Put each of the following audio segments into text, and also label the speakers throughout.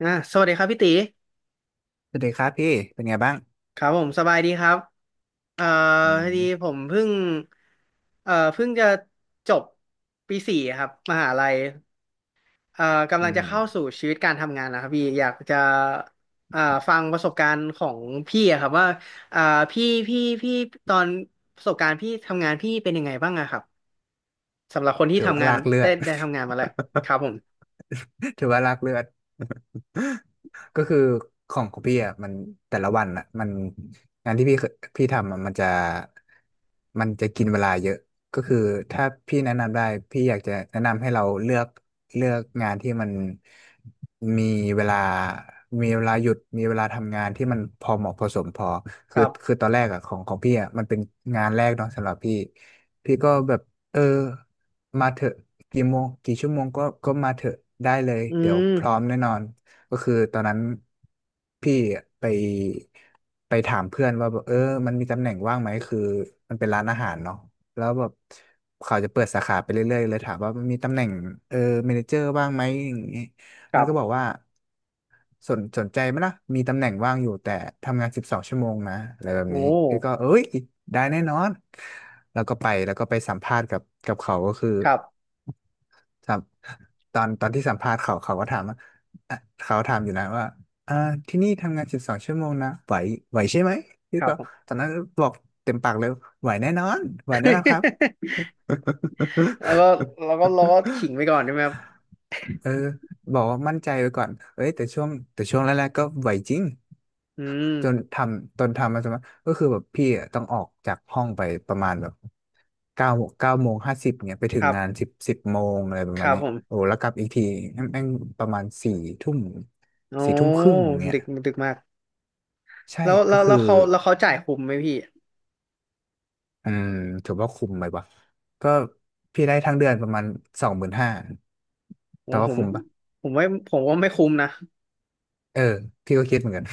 Speaker 1: อ่ะสวัสดีครับพี่ตี
Speaker 2: สวัสดีครับพี่เป็นไงบ้าง
Speaker 1: ครับผมสบายดีครับเอ่อ
Speaker 2: อื
Speaker 1: พอ
Speaker 2: ม
Speaker 1: ดีผมเพิ่งจะจบปีสี่ครับมหาลัยเอ่อกำ
Speaker 2: อื
Speaker 1: ลังจะ
Speaker 2: ม
Speaker 1: เข้าสู่ชีวิตการทำงานนะครับพี่อยากจะเอ่อฟังประสบการณ์ของพี่อะครับว่าเอ่อพี่ตอนประสบการณ์พี่ทำงานพี่เป็นยังไงบ้างอะครับสำหรับคนที่
Speaker 2: ถือว่า
Speaker 1: ทำงาน
Speaker 2: ลากเลือ
Speaker 1: ได้
Speaker 2: ด
Speaker 1: ได้ทำงานมาแล้วครับผม
Speaker 2: ถือว่าลากเลือด ก็คือของพี่อ่ะมันแต่ละวันอ่ะมันงานที่พี่เคยพี่ทำอะมันจะกินเวลาเยอะก็คือถ้าพี่แนะนำได้พี่อยากจะแนะนำให้เราเลือกงานที่มันมีเวลามีเวลาหยุดมีเวลาทำงานที่มันพอเหมาะพอสมพอ
Speaker 1: ค
Speaker 2: คือ
Speaker 1: รั
Speaker 2: คือ
Speaker 1: บ
Speaker 2: ตอนแรกอ่ะของพี่อ่ะมันเป็นงานแรกเนาะสำหรับพี่พี่ก็แบบเออมาเถอะกี่โมงกี่ชั่วโมงก็มาเถอะได้เลย
Speaker 1: อื
Speaker 2: เดี๋ยวพร้อ
Speaker 1: ม
Speaker 2: มแน่นอน ก็คือตอนนั้นพี่ไปไปถามเพื่อนว่าแบบเออมันมีตำแหน่งว่างไหมคือมันเป็นร้านอาหารเนาะแล้วแบบเขาจะเปิดสาขาไปเรื่อยๆเลยถามว่ามันมีตำแหน่งเออเมเนเจอร์ว่างไหมอย่างงี้
Speaker 1: ค
Speaker 2: มัน
Speaker 1: รั
Speaker 2: ก็บอ
Speaker 1: บ
Speaker 2: กว่าสนใจไหมล่ะมีตำแหน่งว่างอยู่แต่ทำงานสิบสองชั่วโมงนะอะไรแบบ
Speaker 1: โอ้
Speaker 2: นี้พี่ก็เอ้ยได้แน่นอนแล้วก็ไปแล้วก็ไปสัมภาษณ์กับเขาก็คือ
Speaker 1: ครับ
Speaker 2: ถามตอนที่สัมภาษณ์เขาก็ถามว่าอ่ะเขาถามอยู่นะว่าอ่าที่นี่ทำงานสิบสองชั่วโมงนะไหวไหวใช่ไหมพี่
Speaker 1: ครับ
Speaker 2: ก็
Speaker 1: ผม
Speaker 2: ตอนนั้นบอกเต็มปากเลยไหวแน่นอนไหวแน่นอนครับ
Speaker 1: แล้วก็เราก็ขิงไปก่อนใช่ไหมครับ
Speaker 2: เออบอกว่ามั่นใจไว้ก่อนเอ้ยแต่ช่วงแต่ช่วงแรกๆก็ไหวจริง
Speaker 1: อื
Speaker 2: จน
Speaker 1: ม
Speaker 2: ทำมาสมัครก็คือแบบพี่อะต้องออกจากห้องไปประมาณแบบเก้า9:50 น.เนี่ยไปถึ
Speaker 1: ค
Speaker 2: ง
Speaker 1: รับ
Speaker 2: งาน10 โมงอะไรประ
Speaker 1: ค
Speaker 2: มาณ
Speaker 1: รับ
Speaker 2: นี้
Speaker 1: ผ
Speaker 2: โอ้
Speaker 1: ม
Speaker 2: แล้วกลับอีกทีแม่งประมาณสี่ทุ่ม
Speaker 1: โอ้
Speaker 2: 22:30 น.เนี่ย
Speaker 1: ดึกดึกมาก
Speaker 2: ใช่
Speaker 1: แล้ว
Speaker 2: ก็คือ
Speaker 1: เขาจ่ายคุ้มไหมพี่
Speaker 2: อืมถือว่าคุ้มไหมวะก็พี่ได้ทั้งเดือนประมาณ25,000
Speaker 1: ผ
Speaker 2: แต่
Speaker 1: มผ
Speaker 2: ว่า
Speaker 1: ม
Speaker 2: คุ้มปะ
Speaker 1: ผมว่าไม่คุ้มนะ
Speaker 2: เออพี่ก็คิดเหมือนกัน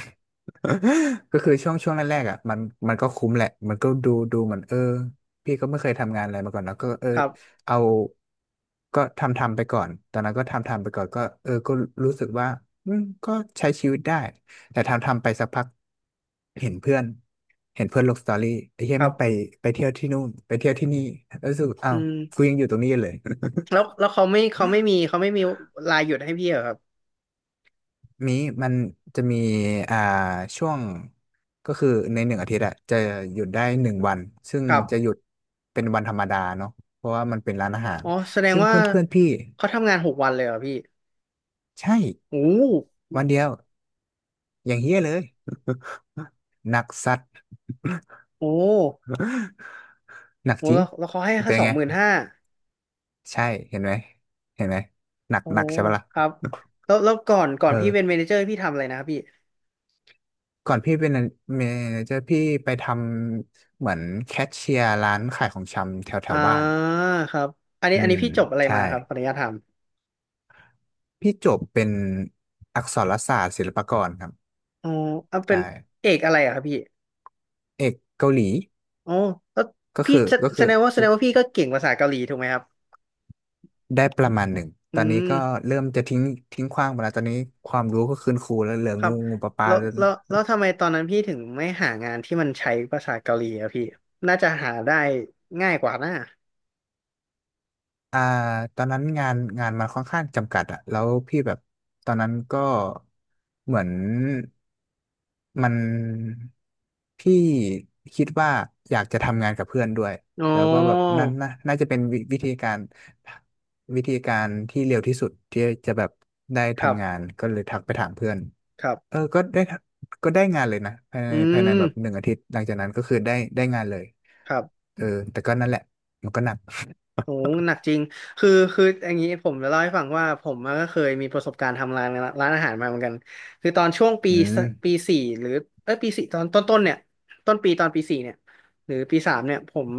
Speaker 2: ก็คือช่วงแรกๆอ่ะมันมันก็คุ้มแหละมันก็ดูเหมือนเออพี่ก็ไม่เคยทำงานอะไรมาก่อนแล้วก็เออ
Speaker 1: ครับ
Speaker 2: เอาก็ทำไปก่อนตอนนั้นก็ทำไปก่อนก็เออก็รู้สึกว่าอืมก็ใช้ชีวิตได้แต่ทำไปสักพักเห็นเพื่อนเห็นเพื่อนลงสตอรี่ไอ้เหี้ย
Speaker 1: ครั
Speaker 2: แมันไป
Speaker 1: บ
Speaker 2: ไปเที่ยวที่นู่นไปเที่ยวที่นี่แล้วรู้สึกอ้า
Speaker 1: อื
Speaker 2: ว
Speaker 1: ม
Speaker 2: กูยังอยู่ตรงนี้เลย
Speaker 1: แล้วแล้วเขาไม่เขาไม่มีเขาไม่มีลาหยุดให้พี่เหรอครับ
Speaker 2: มีมันจะมีอ่าช่วงก็คือในหนึ่งอาทิตย์อะจะหยุดได้1 วันซึ่ง
Speaker 1: ครับ
Speaker 2: จะหยุดเป็นวันธรรมดาเนาะเพราะว่ามันเป็นร้านอาหาร
Speaker 1: อ๋อแสดง
Speaker 2: ซึ่ง
Speaker 1: ว่า
Speaker 2: เพื่อนเพื่อนพี่
Speaker 1: เขาทำงาน6 วันเลยเหรอพี่
Speaker 2: ใช่
Speaker 1: โอ้โห
Speaker 2: วันเดียวอย่างเฮี้ยเลย หนักสัตว์
Speaker 1: โอ้
Speaker 2: หนัก
Speaker 1: โห
Speaker 2: จริง
Speaker 1: แล้วเขาให้แค่
Speaker 2: เป็น
Speaker 1: สองหมื่น
Speaker 2: ไง
Speaker 1: ห้า
Speaker 2: ใช่เห็นไหมเห็นไหมหนัก
Speaker 1: โอ้
Speaker 2: หนั
Speaker 1: โห
Speaker 2: กใช่ปะล่ะ
Speaker 1: ครับแล้วก่อน
Speaker 2: เอ
Speaker 1: พี่
Speaker 2: อ
Speaker 1: เป็นเมเนเจอร์พี่ทำอะไรนะครับพี่
Speaker 2: ก่อนพี่เป็นเมเจอร์พี่ไปทำเหมือนแคชเชียร์ร้านขายของชำแถวแถ
Speaker 1: อ่า
Speaker 2: วบ้าน
Speaker 1: ครับอันนี้
Speaker 2: อื
Speaker 1: อันนี้
Speaker 2: ม
Speaker 1: พี่จบอะไร
Speaker 2: ใช่
Speaker 1: มาครับขออนุญาตถาม
Speaker 2: พี่จบเป็นอักษรศาสตร์ศิลปากรครับ
Speaker 1: อ๋อเอาเป็
Speaker 2: ใช่
Speaker 1: นเอกอะไรอะครับพี่
Speaker 2: เอกเกาหลี
Speaker 1: อ๋อแล้ว
Speaker 2: ก็
Speaker 1: พี่
Speaker 2: คือก็คือ
Speaker 1: แสดงว่าพี่ก็เก่งภาษาเกาหลีถูกไหมครับ
Speaker 2: ได้ประมาณหนึ่ง
Speaker 1: อื
Speaker 2: ตอนนี้ก็
Speaker 1: ม
Speaker 2: เริ่มจะทิ้งทิ้งขว้างไปแล้วตอนนี้ความรู้ก็คืนครูแล้วเหลือ
Speaker 1: ครับ
Speaker 2: งูงูปลาปลา
Speaker 1: แล้วทำไมตอนนั้นพี่ถึงไม่หางานที่มันใช้ภาษาเกาหลีอะพี่น่าจะหาได้ง่ายกว่านะ
Speaker 2: อ่าตอนนั้นงานมันค่อนข้างจำกัดอะแล้วพี่แบบตอนนั้นก็เหมือนมันพี่คิดว่าอยากจะทำงานกับเพื่อนด้วย
Speaker 1: อ๋อ
Speaker 2: แล้วก็แบบนั่นน่ะน่าจะเป็นวิธีการวิธีการที่เร็วที่สุดที่จะแบบได้
Speaker 1: ครั
Speaker 2: ทำงา
Speaker 1: บ
Speaker 2: นก็เลยทักไปถามเพื่อน
Speaker 1: ครั
Speaker 2: เอ
Speaker 1: บ
Speaker 2: อก็ได้ก็ได้งานเลยนะ
Speaker 1: อื
Speaker 2: ภายใน
Speaker 1: ม
Speaker 2: แบบหนึ่งอาทิตย์หลังจากนั้นก็คือได้ได้งานเลย
Speaker 1: ครับ
Speaker 2: เออแต่ก็นั่นแหละมันก็หนัก
Speaker 1: โอ้หนักจริง คืออย่างนี้ผมจะเล่าให้ฟังว่าผมอะก็เคยมีประสบการณ์ทำร้านอาหารมาเหมือนกัน คือตอนช่วงปี
Speaker 2: อื
Speaker 1: ส
Speaker 2: ม
Speaker 1: ปีสี่หรือเอ้ยปีสี่ตอนต้นเนี่ยต้นปีตอนปีสี่เนี่ยหรือปีสามเนี่ยผม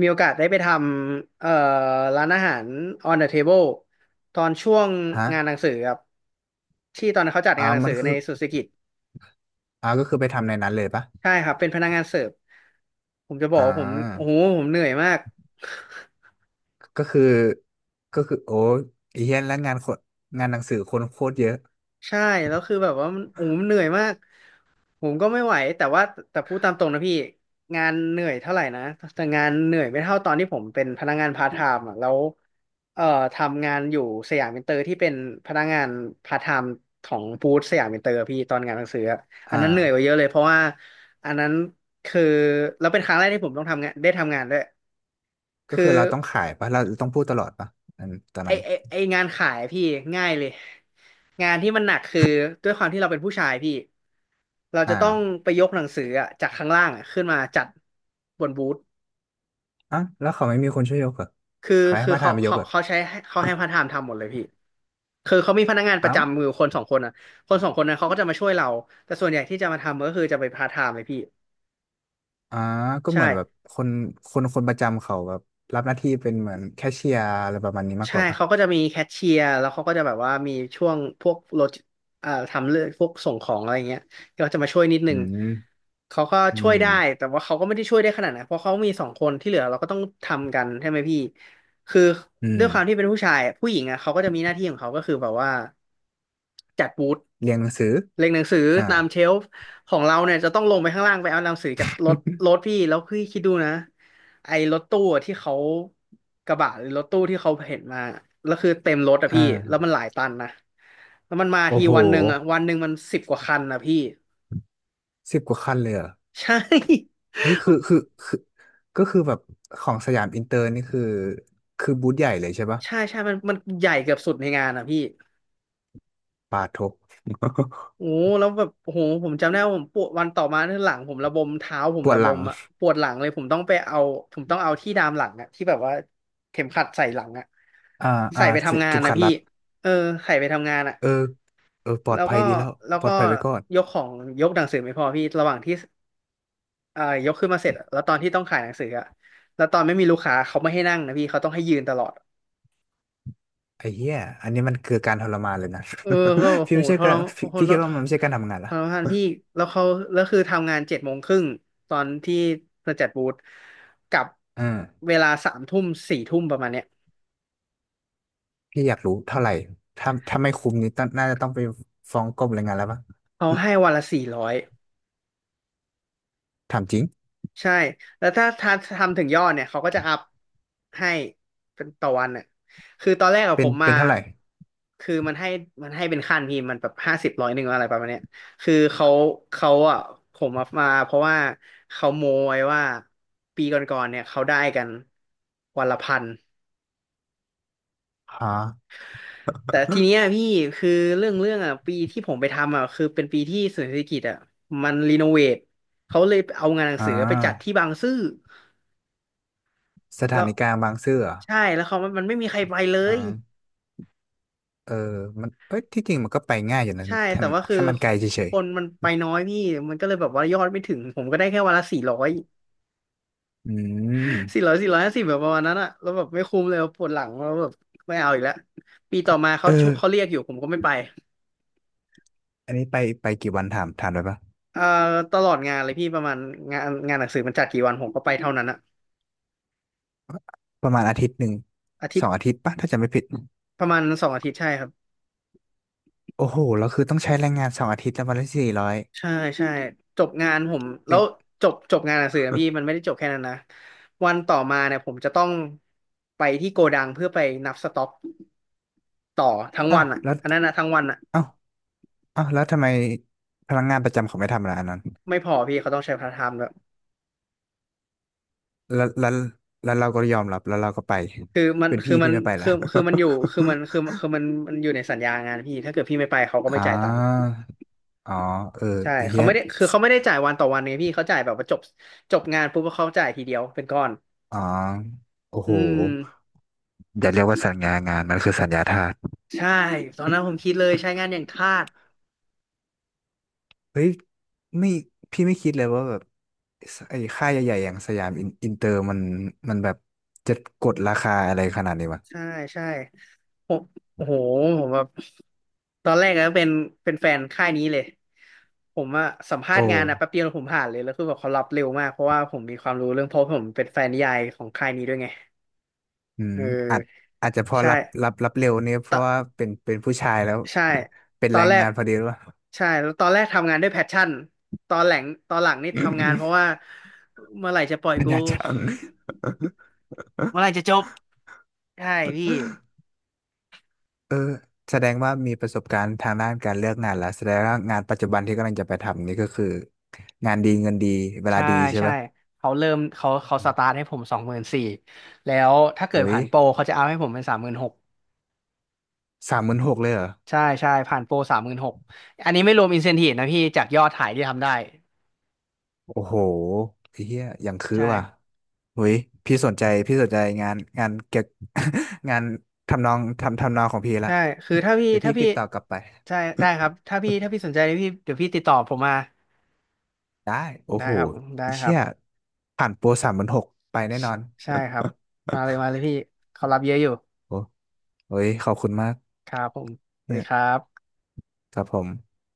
Speaker 1: มีโอกาสได้ไปทำร้านอาหาร on the table ตอนช่วง
Speaker 2: ฮะ
Speaker 1: งานหนังสือครับที่ตอนนั้นเขาจัดงานหนัง
Speaker 2: มั
Speaker 1: สื
Speaker 2: น
Speaker 1: อ
Speaker 2: คื
Speaker 1: ใน
Speaker 2: อ
Speaker 1: สุสกิจ
Speaker 2: อ่าก็คือไปทำในนั้นเลยปะ
Speaker 1: ใช่ครับเป็นพนักงานเสิร์ฟผมจะบอ
Speaker 2: อ่
Speaker 1: กว่าผมโอ้
Speaker 2: า
Speaker 1: โหผมเหนื่อยมาก
Speaker 2: ก็คือก็คือโอ้ยเฮี้ยนแล้วงานคนงานหนังสือคนโคตรเยอะ
Speaker 1: ใช่แล้วคือแบบว่ามันโอ้โหมันเหนื่อยมากผมก็ไม่ไหวแต่ว่าแต่พูดตามตรงนะพี่งานเหนื่อยเท่าไหร่นะแต่งานเหนื่อยไม่เท่าตอนที่ผมเป็นพนักงานพาร์ทไทม์อ่ะแล้วเอ่อทำงานอยู่สยามอินเตอร์ที่เป็นพนักงานพาร์ทไทม์ของบูธสยามอินเตอร์พี่ตอนงานหนังสืออะอัน
Speaker 2: อ่า
Speaker 1: นั้นเหนื่อยกว่าเยอะเลยเพราะว่าอันนั้นคือแล้วเป็นครั้งแรกที่ผมต้องทำงานได้ทำงานด้วย
Speaker 2: ก็
Speaker 1: คื
Speaker 2: คือ
Speaker 1: อ
Speaker 2: เราต้องขายปะเราต้องพูดตลอดปะอันตอน
Speaker 1: ไอ
Speaker 2: นั้น
Speaker 1: ไอไองานขายพี่ง่ายเลยงานที่มันหนักคือด้วยความที่เราเป็นผู้ชายพี่เรา
Speaker 2: อ่
Speaker 1: จะต้อง
Speaker 2: า
Speaker 1: ไปยกหนังสืออะจากข้างล่างอะขึ้นมาจัดบนบูธ
Speaker 2: อ่ะแล้วเขาไม่มีคนช่วยยกเหรอ
Speaker 1: คือ
Speaker 2: ใครให้
Speaker 1: คือ
Speaker 2: มาทนไปยกเหรอ
Speaker 1: เขาให้พาร์ทไทม์ทำหมดเลยพี่คือเขามีพนักงานประ
Speaker 2: เอ้า
Speaker 1: จำมือยู่คนสองคนอ่ะคนสองคนนั้นเขาก็จะมาช่วยเราแต่ส่วนใหญ่ที่จะมาทำก็คือจะไปพาร์ทไทม์เลยพี่
Speaker 2: อ่าก็
Speaker 1: ใช่
Speaker 2: เหมือนแบบคนคนประจำเขาแบบรับหน้าที่เป็นเหมือนแคชเชียร์อะไรประมาณนี้มากก
Speaker 1: ใช่
Speaker 2: ว่าปะ
Speaker 1: เขาก็จะมีแคชเชียร์แล้วเขาก็จะแบบว่ามีช่วงพวกรถทำเรื่องพวกส่งของอะไรเงี้ยก็จะมาช่วยนิดนึ
Speaker 2: อื
Speaker 1: ง
Speaker 2: ม
Speaker 1: เขาก็
Speaker 2: อื
Speaker 1: ช่วยได้
Speaker 2: ม
Speaker 1: แต่ว่าเขาก็ไม่ได้ช่วยได้ขนาดนั้นเพราะเขามีสองคนที่เหลือเราก็ต้องทำกันใช่ไหมพี่คือ
Speaker 2: อื
Speaker 1: ด้ว
Speaker 2: ม
Speaker 1: ยความที่เป็นผู้ชายผู้หญิงอ่ะเขาก็จะมีหน้าที่ของเขาก็คือแบบว่าจัดบูธ
Speaker 2: เรียนหนังสือ
Speaker 1: เรียงหนังสือ
Speaker 2: อ่า
Speaker 1: ตามเชลฟ์ของเราเนี่ยจะต้องลงไปข้างล่างไปเอาหนังสือจากรถพี่แล้วพี่คิดดูนะ ไอ้รถตู้ที่เขากระบะหรือรถตู้ที่เขาเห็นมาแล้วคือเต็มรถอะ
Speaker 2: อ่า
Speaker 1: พี่แล้วมันหลายตันนะแล้วมันมา
Speaker 2: โอ้
Speaker 1: ที
Speaker 2: โห
Speaker 1: วันหนึ่งอะวันหนึ่งมัน10 กว่าคันนะพี่
Speaker 2: สิบกว่าคันเลยเหรอ
Speaker 1: ใช่
Speaker 2: เฮ้ยคือคือก็คือแบบของสยามอินเตอร์นี่คือคือบูธใหญ่เลยใช่ปะ
Speaker 1: ใช่ใช่มันใหญ่เกือบสุดในงานอะพี่
Speaker 2: ปาทบ
Speaker 1: โอ้แล้วแบบโอ้โหผมจำได้ว่าผมปวดวันต่อมาที่หลังผมระบมเท้าผ
Speaker 2: ป
Speaker 1: ม
Speaker 2: ว
Speaker 1: ระ
Speaker 2: ด
Speaker 1: บ
Speaker 2: หลั
Speaker 1: ม
Speaker 2: ง
Speaker 1: อะปวดหลังเลยผมต้องไปเอาผมต้องเอาที่ดามหลังอะที่แบบว่าเข็มขัดใส่หลังอะ
Speaker 2: อ่าอ่า
Speaker 1: ใส่ไป
Speaker 2: เส
Speaker 1: ทำงาน
Speaker 2: ก็ม
Speaker 1: นะ
Speaker 2: ขาด
Speaker 1: พี่
Speaker 2: รัด
Speaker 1: เออใส่ไปทำงานอะ
Speaker 2: เออเออปลอ
Speaker 1: แล้
Speaker 2: ด
Speaker 1: ว
Speaker 2: ภั
Speaker 1: ก็
Speaker 2: ยดีแล้ว
Speaker 1: แล้ว
Speaker 2: ปล
Speaker 1: ก็
Speaker 2: อดภัยไว้ก่อน
Speaker 1: ยกของยกหนังสือไม่พอพี่ระหว่างที่ยกขึ้นมาเสร็จอะแล้วตอนที่ต้องขายหนังสืออะแล้วตอนไม่มีลูกค้าเขาไม่ให้นั่งนะพี่เขาต้องให้ยืนตลอด
Speaker 2: ไอ้เหี้ยอันนี้มันคือการทรมานเลยนะ
Speaker 1: เออก็
Speaker 2: พี่
Speaker 1: โห
Speaker 2: ไม่ใช่
Speaker 1: ท
Speaker 2: กา
Speaker 1: ร
Speaker 2: ร
Speaker 1: มานโห
Speaker 2: พี่
Speaker 1: ท
Speaker 2: พี่
Speaker 1: ร
Speaker 2: คิดว่ามันไม่ใช่การทำงาน
Speaker 1: ท
Speaker 2: ละ
Speaker 1: รมานพี่แล้วเขาแล้วคือทำงาน7:30ตอนที่มาจัดบูธกับ
Speaker 2: อืม
Speaker 1: เวลาสามทุ่มสี่ทุ่มประมาณเนี้ย
Speaker 2: พี่อยากรู้เท่าไหร่ถ้าไม่คุ้มนี้ต้องน่าจะต้องไปฟ้องกรมแรงงานแล้วปะ
Speaker 1: เขาให้วันละ400
Speaker 2: ถามจริง
Speaker 1: ใช่ แล้วถ้าทำถึงยอดเนี่ยเขาก็จะอัพให้เป็นต่อวันน่ะคือตอนแรกอะ
Speaker 2: เป็
Speaker 1: ผ
Speaker 2: น
Speaker 1: มมา
Speaker 2: เป็นเท่าไหร่
Speaker 1: คือมันให้เป็นขั้นพี่มันแบบห้าสิบร้อยหนึ่งอะไรประมาณเนี้ยคือเขาอะผมมาเพราะว่าเขาโมยว่าปีก่อนๆเนี่ยเขาได้กันวันละ 1,000
Speaker 2: ฮะ
Speaker 1: แต่ทีเนี้ยพี่คือเรื่องอะปีที่ผมไปทำอะคือเป็นปีที่ศูนย์เศรษฐกิจอะมันรีโนเวทเขาเลยเอางานหนัง
Speaker 2: อ่า
Speaker 1: สือไปจัดที่บางซื่อ
Speaker 2: สถา
Speaker 1: แล้ว
Speaker 2: นีกลางบางซื่อเหรอ
Speaker 1: ใช่แล้วเขามันไม่มีใครไปเล
Speaker 2: อ่
Speaker 1: ย
Speaker 2: า เออมันเอ้ยที่จริงมันก็ไปง่ายอยู่นะ
Speaker 1: ใช่
Speaker 2: แค่
Speaker 1: แต่ว่าคือ
Speaker 2: แค่มันไกลเฉ
Speaker 1: ค
Speaker 2: ย
Speaker 1: นมันไปน้อยพี่มันก็เลยแบบว่ายอดไม่ถึงผมก็ได้แค่วันละ 400
Speaker 2: ๆอืม
Speaker 1: 400 450แบบประมาณนั้นอะแล้วแบบไม่คุ้มเลยปวดหลังแล้วแบบไม่เอาอีกแล้วปีต่อมาเขา
Speaker 2: เออ
Speaker 1: เขาเรียกอยู่ผมก็ไม่ไป
Speaker 2: อันนี้ไปไปกี่วันถาม ถามได้ปะ
Speaker 1: เอ่อตลอดงานเลยพี่ประมาณงานหนังสือมันจัดกี่วันผมก็ไปเท่านั้นอะ
Speaker 2: ประมาณอาทิตย์หนึ่ง
Speaker 1: อาทิต
Speaker 2: สอ
Speaker 1: ย์
Speaker 2: งอาทิตย์ปะถ้าจำไม่ผิด
Speaker 1: ประมาณ2 อาทิตย์ใช่ครับ
Speaker 2: โอ้โหแล้วคือต้องใช้แรงงานสองอาทิตย์แล้ววันละ400 บาท
Speaker 1: ใช่ใช่จบงานผมแล้
Speaker 2: เป็
Speaker 1: ว
Speaker 2: น
Speaker 1: จบงานหนังสือนะพี่มันไม่ได้จบแค่นั้นนะวันต่อมาเนี่ยผมจะต้องไปที่โกดังเพื่อไปนับสต็อกต่อทั้ง
Speaker 2: อ้า
Speaker 1: วั
Speaker 2: ว
Speaker 1: นอ่ะ
Speaker 2: แล้ว
Speaker 1: อันนั้นนะทั้งวันอ่ะ
Speaker 2: อ้าวอ้าวแล้วทำไมพนักงานประจำเขาไม่ทำอะไรอันนั้น
Speaker 1: ไม่พอพี่เขาต้องใช้พาร์ทไทม์ด้วย
Speaker 2: แล้วแล้วแล้วเราก็ยอมรับแล้วเราก็ไป
Speaker 1: คือมัน
Speaker 2: เป็น
Speaker 1: คือ
Speaker 2: พี่
Speaker 1: มั
Speaker 2: พี่
Speaker 1: น
Speaker 2: ไม่ไป
Speaker 1: คื
Speaker 2: ละ
Speaker 1: อคือมันอยู่คือมันคือคือมันมันอยู่ในสัญญางานพี่ถ้าเกิดพี่ไม่ไปเขาก็ ไม่
Speaker 2: อ่
Speaker 1: จ่ายตังค์
Speaker 2: าอ๋อเออ
Speaker 1: ใช่
Speaker 2: เฮีย
Speaker 1: เขาไม่ได้จ่ายวันต่อวันไงพี่เขาจ่ายแบบว่าจบงานปุ๊บเขาจ่ายทีเดียวเป็นก้อน
Speaker 2: อ๋อ โอ้
Speaker 1: อื
Speaker 2: โห
Speaker 1: ม
Speaker 2: อย่าเรียกว่าสัญญางานมันคือสัญญาทาส
Speaker 1: ใช่ตอนนั้นผมคิดเลยใช้งานอย่างทาส
Speaker 2: เฮ้ยไม่พี่ไม่คิดเลยว่าแบบสไอ้ค่ายใหญ่ๆอย่างสยามอินเตอร์มัน มันแบบจะกดราคาอะไรขนาดนี้วะ
Speaker 1: ใช่ใช่ผมโอ้โหผมแบบตอนแรกก็เป็นแฟนค่ายนี้เลยผมอะสัมภา
Speaker 2: โอ้
Speaker 1: ษณ์งานอะแป๊บเดียวผมผ่านเลยแล้วคือแบบเขารับเร็วมากเพราะว่าผมมีความรู้เรื่องเพราะผมเป็นแฟนนิยายของค่ายนี้ด้วยไง
Speaker 2: อืม
Speaker 1: เอ
Speaker 2: อาจ
Speaker 1: อ
Speaker 2: อาจจะพอ
Speaker 1: ใช่
Speaker 2: รับเร็วเนี่ยเพ
Speaker 1: ตอ
Speaker 2: ราะว่า
Speaker 1: น
Speaker 2: เป็นผู้ชายแล้ว
Speaker 1: ใช่
Speaker 2: เป็น
Speaker 1: ตอ
Speaker 2: แร
Speaker 1: น
Speaker 2: ง
Speaker 1: แรก
Speaker 2: งานพอดีหรือเปล่า
Speaker 1: ใช่แล้วตอนแรกทำงานด้วยแพชชั่นตอนหลังตอนหลังนี่ทำงานเพราะว่า เมื่อไหร่จะปล่อย
Speaker 2: สัญ
Speaker 1: กู
Speaker 2: ญาจัง
Speaker 1: เมื่อไหร่ จะจบใช่พี่
Speaker 2: เออแสดงว่ามีประสบการณ์ทางด้านการเลือกงานแล้วแสดงว่างานปัจจุบันที่กำลังจะไปทำนี่ก็คืองานดีเงินดีเวลา
Speaker 1: ใช่
Speaker 2: ดีใช่
Speaker 1: ใช่
Speaker 2: ปะ
Speaker 1: เขาเริ่มเขา
Speaker 2: อื
Speaker 1: ส
Speaker 2: ม
Speaker 1: ตาร์ทให้ผม24,000แล้วถ้าเกิด
Speaker 2: เฮ้ย
Speaker 1: ผ่านโปรเขาจะเอาให้ผมเป็นสามหมื่นหก
Speaker 2: สามหมื่นหกเลยเหรอ
Speaker 1: ใช่ใช่ผ่านโปรสามหมื่นหกอันนี้ไม่รวมอินเซนทีฟนะพี่จากยอดขายที่ทำได้
Speaker 2: โอ้โหไอ้เฮียอย่างคือ
Speaker 1: ใช่
Speaker 2: ว่ะเฮ้ยพี่สนใจพี่สนใจงานเก็บ งานทำนองของพี่ละ
Speaker 1: ใช่คือถ้า พี่
Speaker 2: เดี๋ยว
Speaker 1: ถ้า
Speaker 2: พี่
Speaker 1: พี่
Speaker 2: ติดต่อกลับไป
Speaker 1: ใช่ได้ครับถ้าพี่สนใจเดี๋ยวพี่ติดต่อผมมา
Speaker 2: ได้โอ้
Speaker 1: ได้
Speaker 2: โห
Speaker 1: ครับได้
Speaker 2: ไอ้
Speaker 1: ค
Speaker 2: เฮี
Speaker 1: รั
Speaker 2: ย
Speaker 1: บ
Speaker 2: ผ่านโปรสามหมื่นหกไปแน่น
Speaker 1: ใช่
Speaker 2: อน
Speaker 1: ใช่ครับมาเลย มาเลยพี่เขารับเยอะอยู่
Speaker 2: โอ้โหเฮ้ยขอบคุณมาก
Speaker 1: ครับผมสวัส
Speaker 2: เนี่
Speaker 1: ดี
Speaker 2: ย
Speaker 1: ครับ
Speaker 2: ครับผม